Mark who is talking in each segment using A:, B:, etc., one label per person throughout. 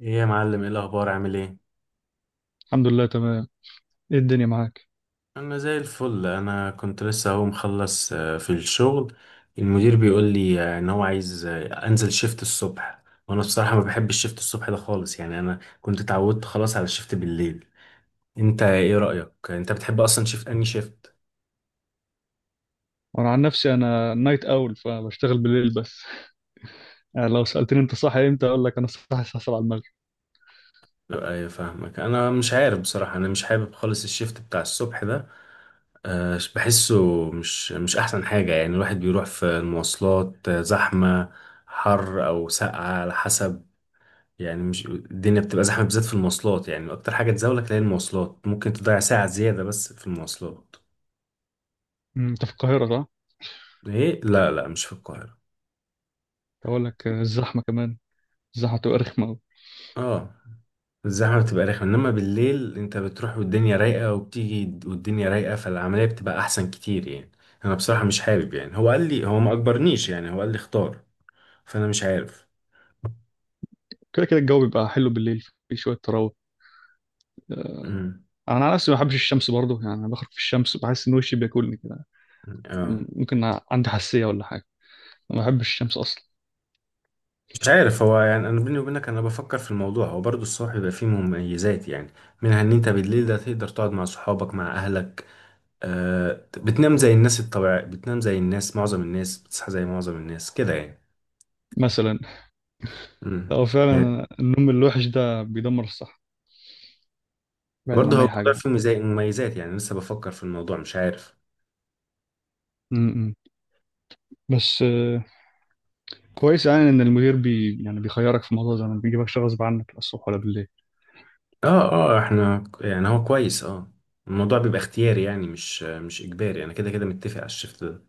A: ايه يا معلم، ايه الاخبار؟ عامل ايه؟
B: الحمد لله، تمام. ايه الدنيا معاك؟
A: انا زي الفل. انا كنت لسه اهو مخلص في الشغل. المدير بيقول لي ان هو عايز، انزل شيفت الصبح. وانا بصراحة ما بحبش الشيفت الصبح ده خالص. يعني انا كنت اتعودت خلاص على الشيفت بالليل. انت ايه رأيك؟ انت بتحب اصلا شيفت اني شيفت؟
B: وانا عن نفسي، انا نايت اول، فبشتغل بالليل بس. يعني لو سالتني انت صاحي امتى، اقول لك انا صاحي الساعه 7 المغرب.
A: لا ايوه، فاهمك. انا مش عارف بصراحة، انا مش حابب خالص الشيفت بتاع الصبح ده. بحسه مش احسن حاجة. يعني الواحد بيروح في المواصلات، زحمة، حر او ساقعة على حسب. يعني مش الدنيا بتبقى زحمة بالذات في المواصلات؟ يعني أكتر حاجة تزولك هي المواصلات، ممكن تضيع ساعة زيادة بس في المواصلات.
B: انت في القاهره، صح؟
A: إيه؟ لا لا، مش في القاهرة.
B: اقول لك الزحمه كمان. الزحمه بتبقى رخمه أوي.
A: آه الزحمة بتبقى رخمة، إنما بالليل أنت بتروح والدنيا رايقة وبتيجي والدنيا رايقة، فالعملية بتبقى أحسن كتير يعني. أنا بصراحة مش حابب. يعني هو قال لي، هو ما أجبرنيش، يعني هو قال لي اختار. فأنا مش عارف.
B: كده كده الجو بيبقى حلو بالليل، في شويه تراوح.
A: امم،
B: انا على نفسي ما بحبش الشمس برضه، يعني انا بخرج في الشمس بحس ان وشي بياكلني كده.
A: آه
B: ممكن عندي حساسيه ولا حاجه. ما بحبش الشمس اصلا.
A: مش عارف. هو يعني أنا بيني وبينك أنا بفكر في الموضوع. هو برضه الصبح بيبقى فيه مميزات يعني، منها إن أنت بالليل ده تقدر تقعد مع صحابك مع أهلك. آه بتنام زي الناس الطبيعية، بتنام زي الناس، معظم الناس بتصحى زي معظم الناس كده يعني.
B: مثلا،
A: امم،
B: لو
A: يعني
B: فعلا النوم الوحش ده بيدمر الصحه، بعيدا
A: برضه
B: عن
A: هو
B: اي
A: موضوع
B: حاجه.
A: فيه مميزات، يعني لسه بفكر في الموضوع مش عارف.
B: م- م. بس كويس يعني ان المدير بي يعني بيخيرك في موضوع، زي ما بيجيبكش غصب عنك، لا الصبح ولا بالليل.
A: اه اه، احنا يعني هو كويس. اه، الموضوع بيبقى اختياري، يعني مش اجباري. انا كده كده متفق على الشفت ده،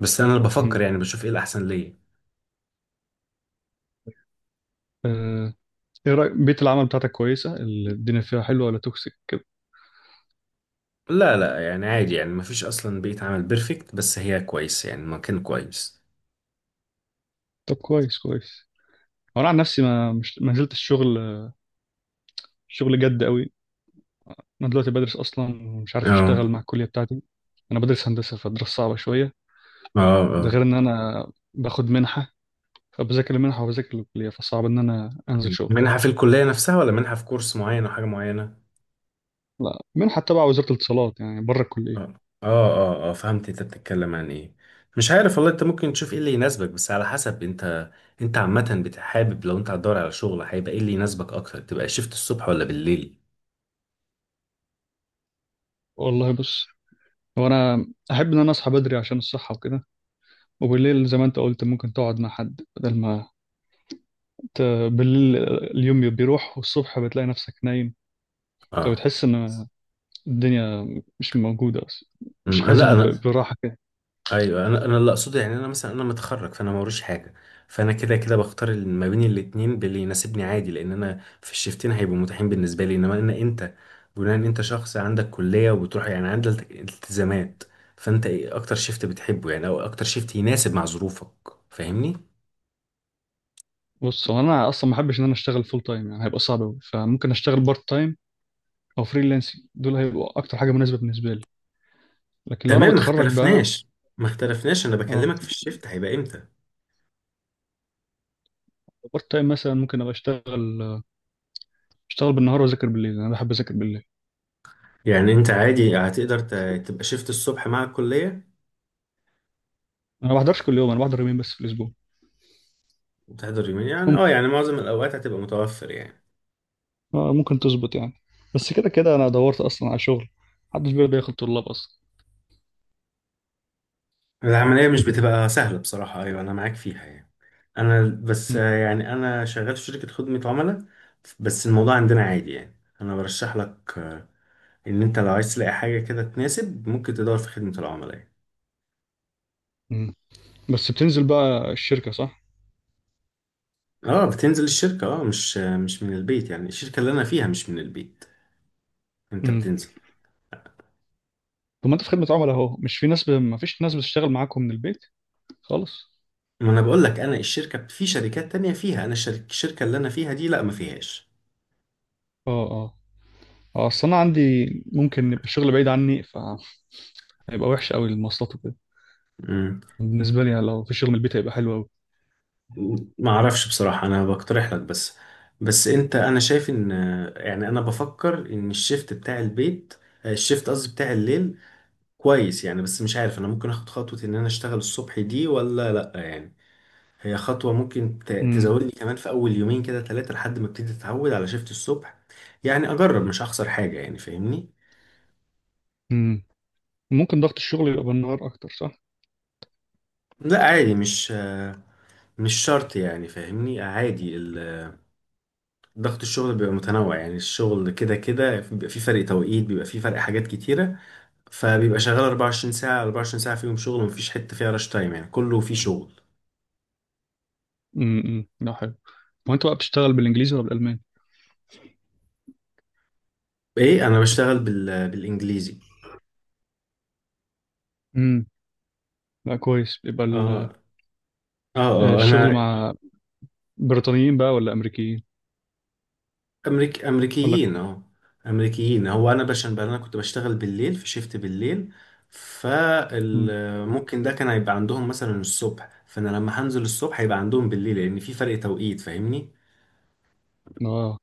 A: بس انا اللي بفكر،
B: مم.
A: يعني بشوف ايه الاحسن ليا.
B: آه، ايه رأيك؟ بيئة العمل بتاعتك كويسة، الدنيا فيها حلوة ولا توكسيك كده؟
A: لا لا، يعني عادي. يعني مفيش اصلا بيئة عمل بيرفكت، بس هي كويس يعني، مكان كويس.
B: طب، كويس كويس. هو انا عن نفسي ما نزلت الشغل، شغل جد قوي. انا دلوقتي بدرس اصلا ومش عارف اشتغل
A: اه
B: مع الكلية بتاعتي. انا بدرس هندسة، فالدراسة صعبة شوية.
A: اه.
B: ده
A: اه
B: غير ان انا باخد منحة، فبذاكر المنحة وبذاكر الكلية، فصعب ان انا انزل شغل.
A: منحة في الكلية نفسها ولا منحة في كورس معين او حاجة معينة؟
B: لا، منحة تبع وزارة الاتصالات يعني بره الكلية.
A: اه اه. اه فهمت انت بتتكلم عن ايه. مش عارف والله، انت ممكن تشوف ايه اللي يناسبك بس على حسب انت. انت عامة بتحابب، لو انت هتدور على شغل هيبقى ايه اللي يناسبك اكتر؟ تبقى شيفت الصبح ولا بالليل؟
B: والله، بص. وانا احب ان انا اصحى بدري عشان الصحه وكده. وبالليل زي ما انت قلت ممكن تقعد مع حد، بدل ما ت... بالليل اليوم بيروح والصبح بتلاقي نفسك نايم.
A: اه.
B: فبتحس ان الدنيا مش موجوده اصلا، مش
A: أمم، انا
B: حاسس
A: لا انا.
B: براحه كده.
A: ايوه انا، اللي اقصده يعني انا مثلا انا متخرج، فانا موريش حاجه. فانا كده كده بختار ما بين الاتنين باللي يناسبني عادي، لان انا في الشيفتين هيبقوا متاحين بالنسبه لي. انما انا انت، بناء ان انت شخص عندك كليه وبتروح، يعني عندك التزامات. فانت ايه اكتر شيفت بتحبه، يعني او اكتر شيفت يناسب مع ظروفك؟ فاهمني؟
B: بص، هو انا اصلا ما احبش ان انا اشتغل فول تايم، يعني هيبقى صعب قوي، فممكن اشتغل بارت تايم او فريلانسنج، دول هيبقوا اكتر حاجه مناسبه بالنسبه لي، لكن لو انا
A: تمام ما
B: متخرج بقى.
A: اختلفناش. ما اختلفناش، انا
B: اه،
A: بكلمك في الشيفت هيبقى امتى.
B: بارت تايم مثلا ممكن ابقى اشتغل بالنهار واذاكر بالليل، انا بحب اذاكر بالليل.
A: يعني انت عادي هتقدر تبقى شيفت الصبح مع الكليه؟
B: انا ما بحضرش كل يوم، انا بحضر يومين بس في الاسبوع.
A: وتحضر يومين، يعني اه يعني معظم الاوقات هتبقى متوفر يعني.
B: ممكن تظبط يعني. بس كده كده انا دورت اصلا على شغل، محدش بيرضى ياخد طلاب اصلا.
A: العملية مش بتبقى سهلة بصراحة، أيوة أنا معاك فيها يعني. أنا بس،
B: مم.
A: يعني أنا شغال في شركة خدمة عملاء. بس الموضوع عندنا عادي يعني. أنا برشح لك إن أنت لو عايز تلاقي حاجة كده تناسب، ممكن تدور في خدمة العملاء يعني.
B: مم. بس بتنزل بقى الشركه، صح؟
A: أه بتنزل الشركة، أه مش، مش من البيت. يعني الشركة اللي أنا فيها مش من البيت، أنت
B: مم.
A: بتنزل.
B: طب، ما انت في خدمه عملاء اهو، مش في ناس ما فيش ناس بتشتغل معاكم من البيت خالص؟
A: ما أنا بقول لك أنا الشركة، في شركات تانية فيها، أنا الشركة اللي أنا فيها دي لأ، ما فيهاش.
B: اه، اه. اصل انا عندي، ممكن يبقى الشغل بعيد عني، فهيبقى وحش قوي المواصلات وكده. بالنسبه لي لو في شغل من البيت هيبقى حلو قوي.
A: ما اعرفش بصراحة، انا بقترح لك بس. بس انت، انا شايف ان، يعني انا بفكر ان الشيفت بتاع البيت، الشيفت قصدي بتاع الليل، كويس يعني. بس مش عارف انا ممكن اخد خطوة ان انا اشتغل الصبح دي ولا لا يعني. هي خطوة ممكن
B: مم.
A: تزودني كمان في اول يومين كده ثلاثة لحد ما ابتدي اتعود على شيفت الصبح. يعني اجرب، مش هخسر حاجة يعني، فاهمني؟
B: مم. ممكن ضغط الشغل يبقى بالنهار اكتر، صح؟
A: لا عادي، مش، مش شرط يعني، فاهمني، عادي. ضغط الشغل بيبقى متنوع. يعني الشغل كده كده بيبقى فيه فرق توقيت، بيبقى فيه فرق، حاجات كتيرة. فبيبقى شغال 24 ساعة، 24 ساعة فيهم شغل ومفيش حتة فيها راش تايم، يعني كله فيه شغل.
B: امم. امم. ده حلو. هو انت بقى بتشتغل بالانجليزي ولا بالالماني؟
A: ايه انا بشتغل بالانجليزي.
B: امم. لا، كويس، بيبقى
A: اه اه، اه
B: الشغل
A: انا،
B: مع بريطانيين بقى ولا امريكيين؟ ولا كو...
A: امريكيين اه. امريكيين. هو انا عشان انا كنت بشتغل بالليل، في شيفت بالليل،
B: مم.
A: فممكن ده كان هيبقى عندهم مثلا الصبح، فانا لما هنزل الصبح هيبقى عندهم بالليل، لان في فرق توقيت، فاهمني؟
B: اه،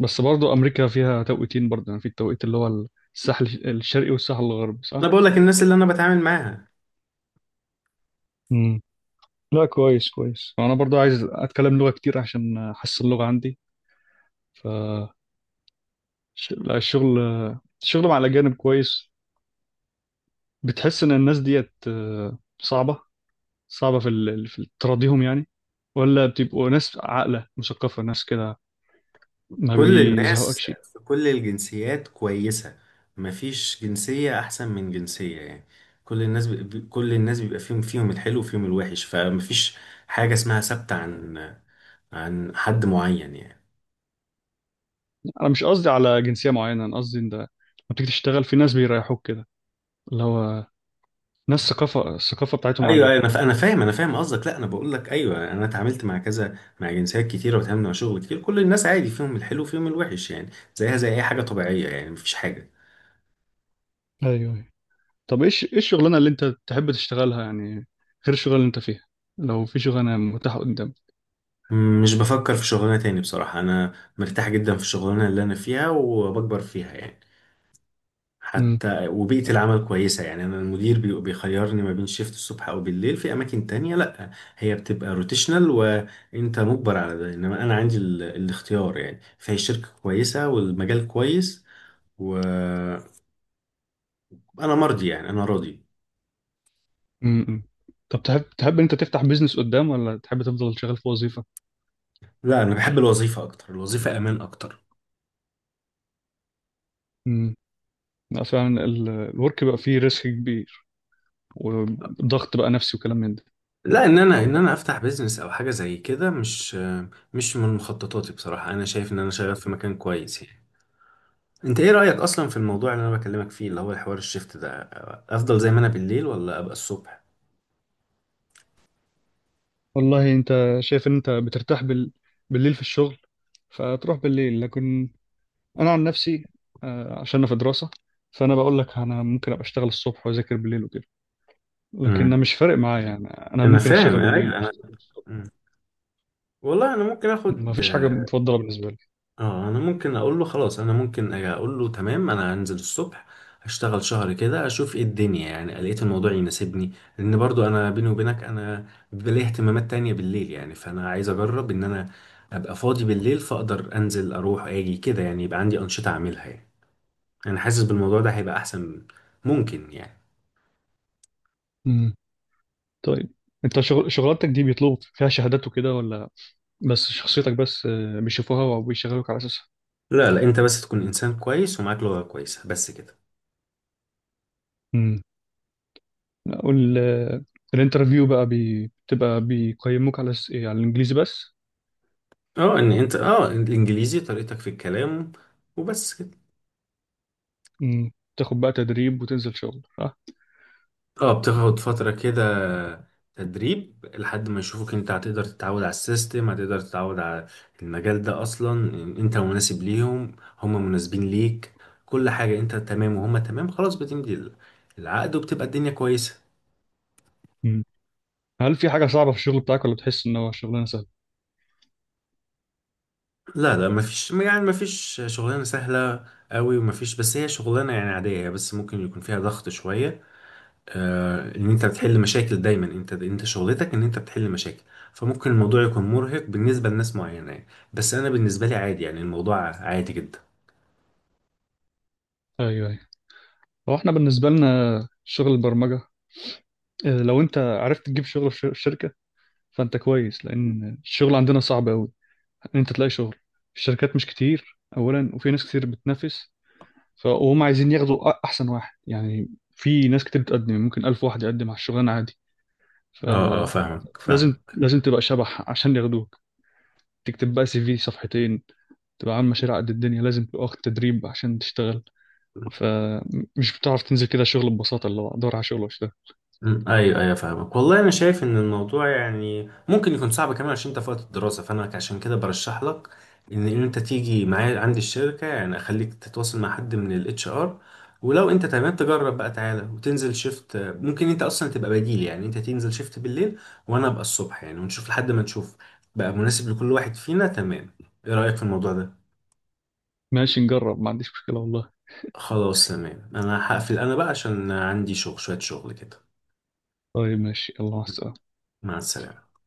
B: بس برضو امريكا فيها توقيتين برضو، يعني في التوقيت اللي هو الساحل الشرقي والساحل الغربي،
A: انا
B: صح؟
A: بقول لك الناس اللي انا بتعامل معاها،
B: امم. لا، كويس كويس، انا برضو عايز اتكلم لغة كتير عشان احسن اللغة عندي. ف لا، الشغل مع الاجانب كويس. بتحس ان الناس ديت صعبة، صعبة في تراضيهم يعني، ولا بتبقوا ناس عاقلة مثقفة، ناس كده؟ ما
A: كل الناس،
B: بيزهقكش؟
A: في كل الجنسيات كويسة، مفيش جنسية أحسن من جنسية يعني. كل الناس كل الناس بيبقى فيهم، فيهم الحلو وفيهم الوحش. فمفيش حاجة اسمها ثابتة عن، عن حد معين يعني.
B: انا مش قصدي على جنسيه معينه، انا قصدي ان ده لما بتيجي تشتغل في ناس بيريحوك كده، اللي هو ناس الثقافه بتاعتهم
A: ايوه ايوه،
B: عاليه.
A: انا انا فاهم، انا فاهم قصدك. لا انا بقول لك، ايوه انا اتعاملت مع كذا، مع جنسيات كتيره، واتعاملت مع شغل كتير، كل الناس عادي، فيهم الحلو وفيهم الوحش يعني. زيها زي اي حاجه طبيعيه يعني، مفيش حاجه.
B: ايوه، أيوة. طب، ايه الشغلانه اللي انت تحب تشتغلها يعني، غير الشغلانه اللي انت فيها، لو في شغلانه متاحه قدامك؟
A: مش بفكر في شغلانه تاني بصراحه. انا مرتاح جدا في الشغلانه اللي انا فيها وبكبر فيها يعني.
B: أمم.
A: حتى وبيئة العمل كويسة يعني. أنا المدير بيخيرني ما بين شيفت الصبح أو بالليل، في أماكن تانية لأ، هي بتبقى روتيشنال وأنت مجبر على ده. إنما أنا عندي الاختيار يعني. فهي شركة كويسة والمجال كويس، وأنا مرضي يعني، أنا راضي.
B: امم. طب، تحب ان انت تفتح بيزنس قدام، ولا تحب تفضل شغال في وظيفه؟
A: لا أنا بحب الوظيفة أكتر، الوظيفة أمان أكتر.
B: أمم. لا، فعلا الورك بقى فيه ريسك كبير، وضغط بقى نفسي وكلام من ده.
A: لا ان انا افتح بيزنس او حاجه زي كده، مش، مش من مخططاتي بصراحه. انا شايف ان انا شغال في مكان كويس يعني. انت ايه رأيك اصلا في الموضوع اللي انا بكلمك فيه، اللي هو الحوار الشيفت ده؟ افضل زي ما انا بالليل ولا ابقى الصبح؟
B: والله، انت شايف ان انت بترتاح بالليل في الشغل، فتروح بالليل، لكن انا عن نفسي، عشان انا في دراسه، فانا بقول لك انا ممكن ابقى اشتغل الصبح واذاكر بالليل وكده، لكن انا
A: امم،
B: مش فارق معايا يعني، انا
A: انا
B: ممكن
A: فاهم.
B: اشتغل بالليل
A: ايوه انا،
B: اشتغل الصبح.
A: مم. والله انا ممكن
B: ما
A: اخد،
B: فيش حاجه مفضله بالنسبه لي.
A: اه انا ممكن اقول له خلاص، انا ممكن أجي اقول له تمام، انا هنزل الصبح. هشتغل شهر كده، اشوف ايه الدنيا يعني، لقيت الموضوع يناسبني. لان برضو انا بيني وبينك، انا بيبقى لي اهتمامات تانية بالليل يعني. فانا عايز اجرب ان انا ابقى فاضي بالليل، فاقدر انزل اروح اجي كده، يعني يبقى عندي انشطة اعملها يعني. انا حاسس بالموضوع ده هيبقى احسن، ممكن يعني.
B: امم. طيب، انت شغلانتك دي بيطلبوا فيها شهادات وكده، ولا بس شخصيتك بس بيشوفوها وبيشغلوك على اساسها؟
A: لا لا، انت بس تكون انسان كويس ومعاك لغة كويسة، بس كده.
B: امم. اقول الانترفيو بقى بتبقى بيقيموك على إيه، على الانجليزي بس؟
A: اه ان انت، اه الانجليزي، طريقتك في الكلام، وبس كده.
B: امم. تاخد بقى تدريب وتنزل شغل، صح؟
A: اه بتاخد فترة كده تدريب، لحد ما يشوفوك انت هتقدر تتعود على السيستم، هتقدر تتعود على المجال ده اصلا، انت مناسب ليهم، هم مناسبين ليك، كل حاجة انت تمام وهم تمام، خلاص بتمضي العقد وبتبقى الدنيا كويسة.
B: امم. هل في حاجه صعبه في الشغل بتاعك، ولا بتحس ان هو شغلانه سهله؟
A: لا لا، مفيش يعني، مفيش شغلانة سهلة قوي، ومفيش، بس هي شغلانة يعني عادية، هي بس ممكن يكون فيها ضغط شوية. آه ان انت بتحل مشاكل دايما، انت شغلتك ان انت بتحل مشاكل. فممكن الموضوع يكون مرهق بالنسبة لناس معينة يعني. بس انا بالنسبة لي عادي، يعني الموضوع عادي جدا.
B: ايوه، هو احنا بالنسبة لنا شغل البرمجة، لو انت عرفت تجيب شغل في الشركة فانت كويس، لان الشغل عندنا صعب قوي، ان انت تلاقي شغل. الشركات مش كتير اولا، وفي ناس كتير بتنافس، فهم عايزين ياخدوا احسن واحد يعني. في ناس كتير بتقدم، يعني ممكن 1000 واحد يقدم على الشغلانة عادي،
A: اه اه
B: فلازم،
A: فاهمك، فاهمك.
B: لازم تبقى شبح عشان ياخدوك. تكتب بقى CV صفحتين، تبقى عامل مشاريع قد الدنيا، لازم تبقى واخد تدريب عشان تشتغل، فمش بتعرف تنزل كده شغل ببساطة اللي هو ادور على شغل واشتغل.
A: مم، ايوه ايوه فاهمك. والله انا شايف ان الموضوع يعني ممكن يكون صعب كمان عشان انت في وقت الدراسه. فانا عشان كده برشح لك ان، إن انت تيجي معايا عندي الشركه، يعني اخليك تتواصل مع حد من الاتش ار. ولو انت تمام تجرب بقى، تعالى وتنزل شيفت، ممكن انت اصلا تبقى بديل. يعني انت تنزل شيفت بالليل وانا ابقى الصبح يعني، ونشوف لحد ما نشوف بقى مناسب لكل واحد فينا. تمام، ايه رايك في الموضوع ده؟
B: ماشي، نجرب، ما عنديش مشكلة والله.
A: خلاص تمام، انا هقفل انا بقى عشان عندي شغل، شويه شغل كده.
B: طيب، ماشي، يلا، مع السلامة.
A: مع السلامه.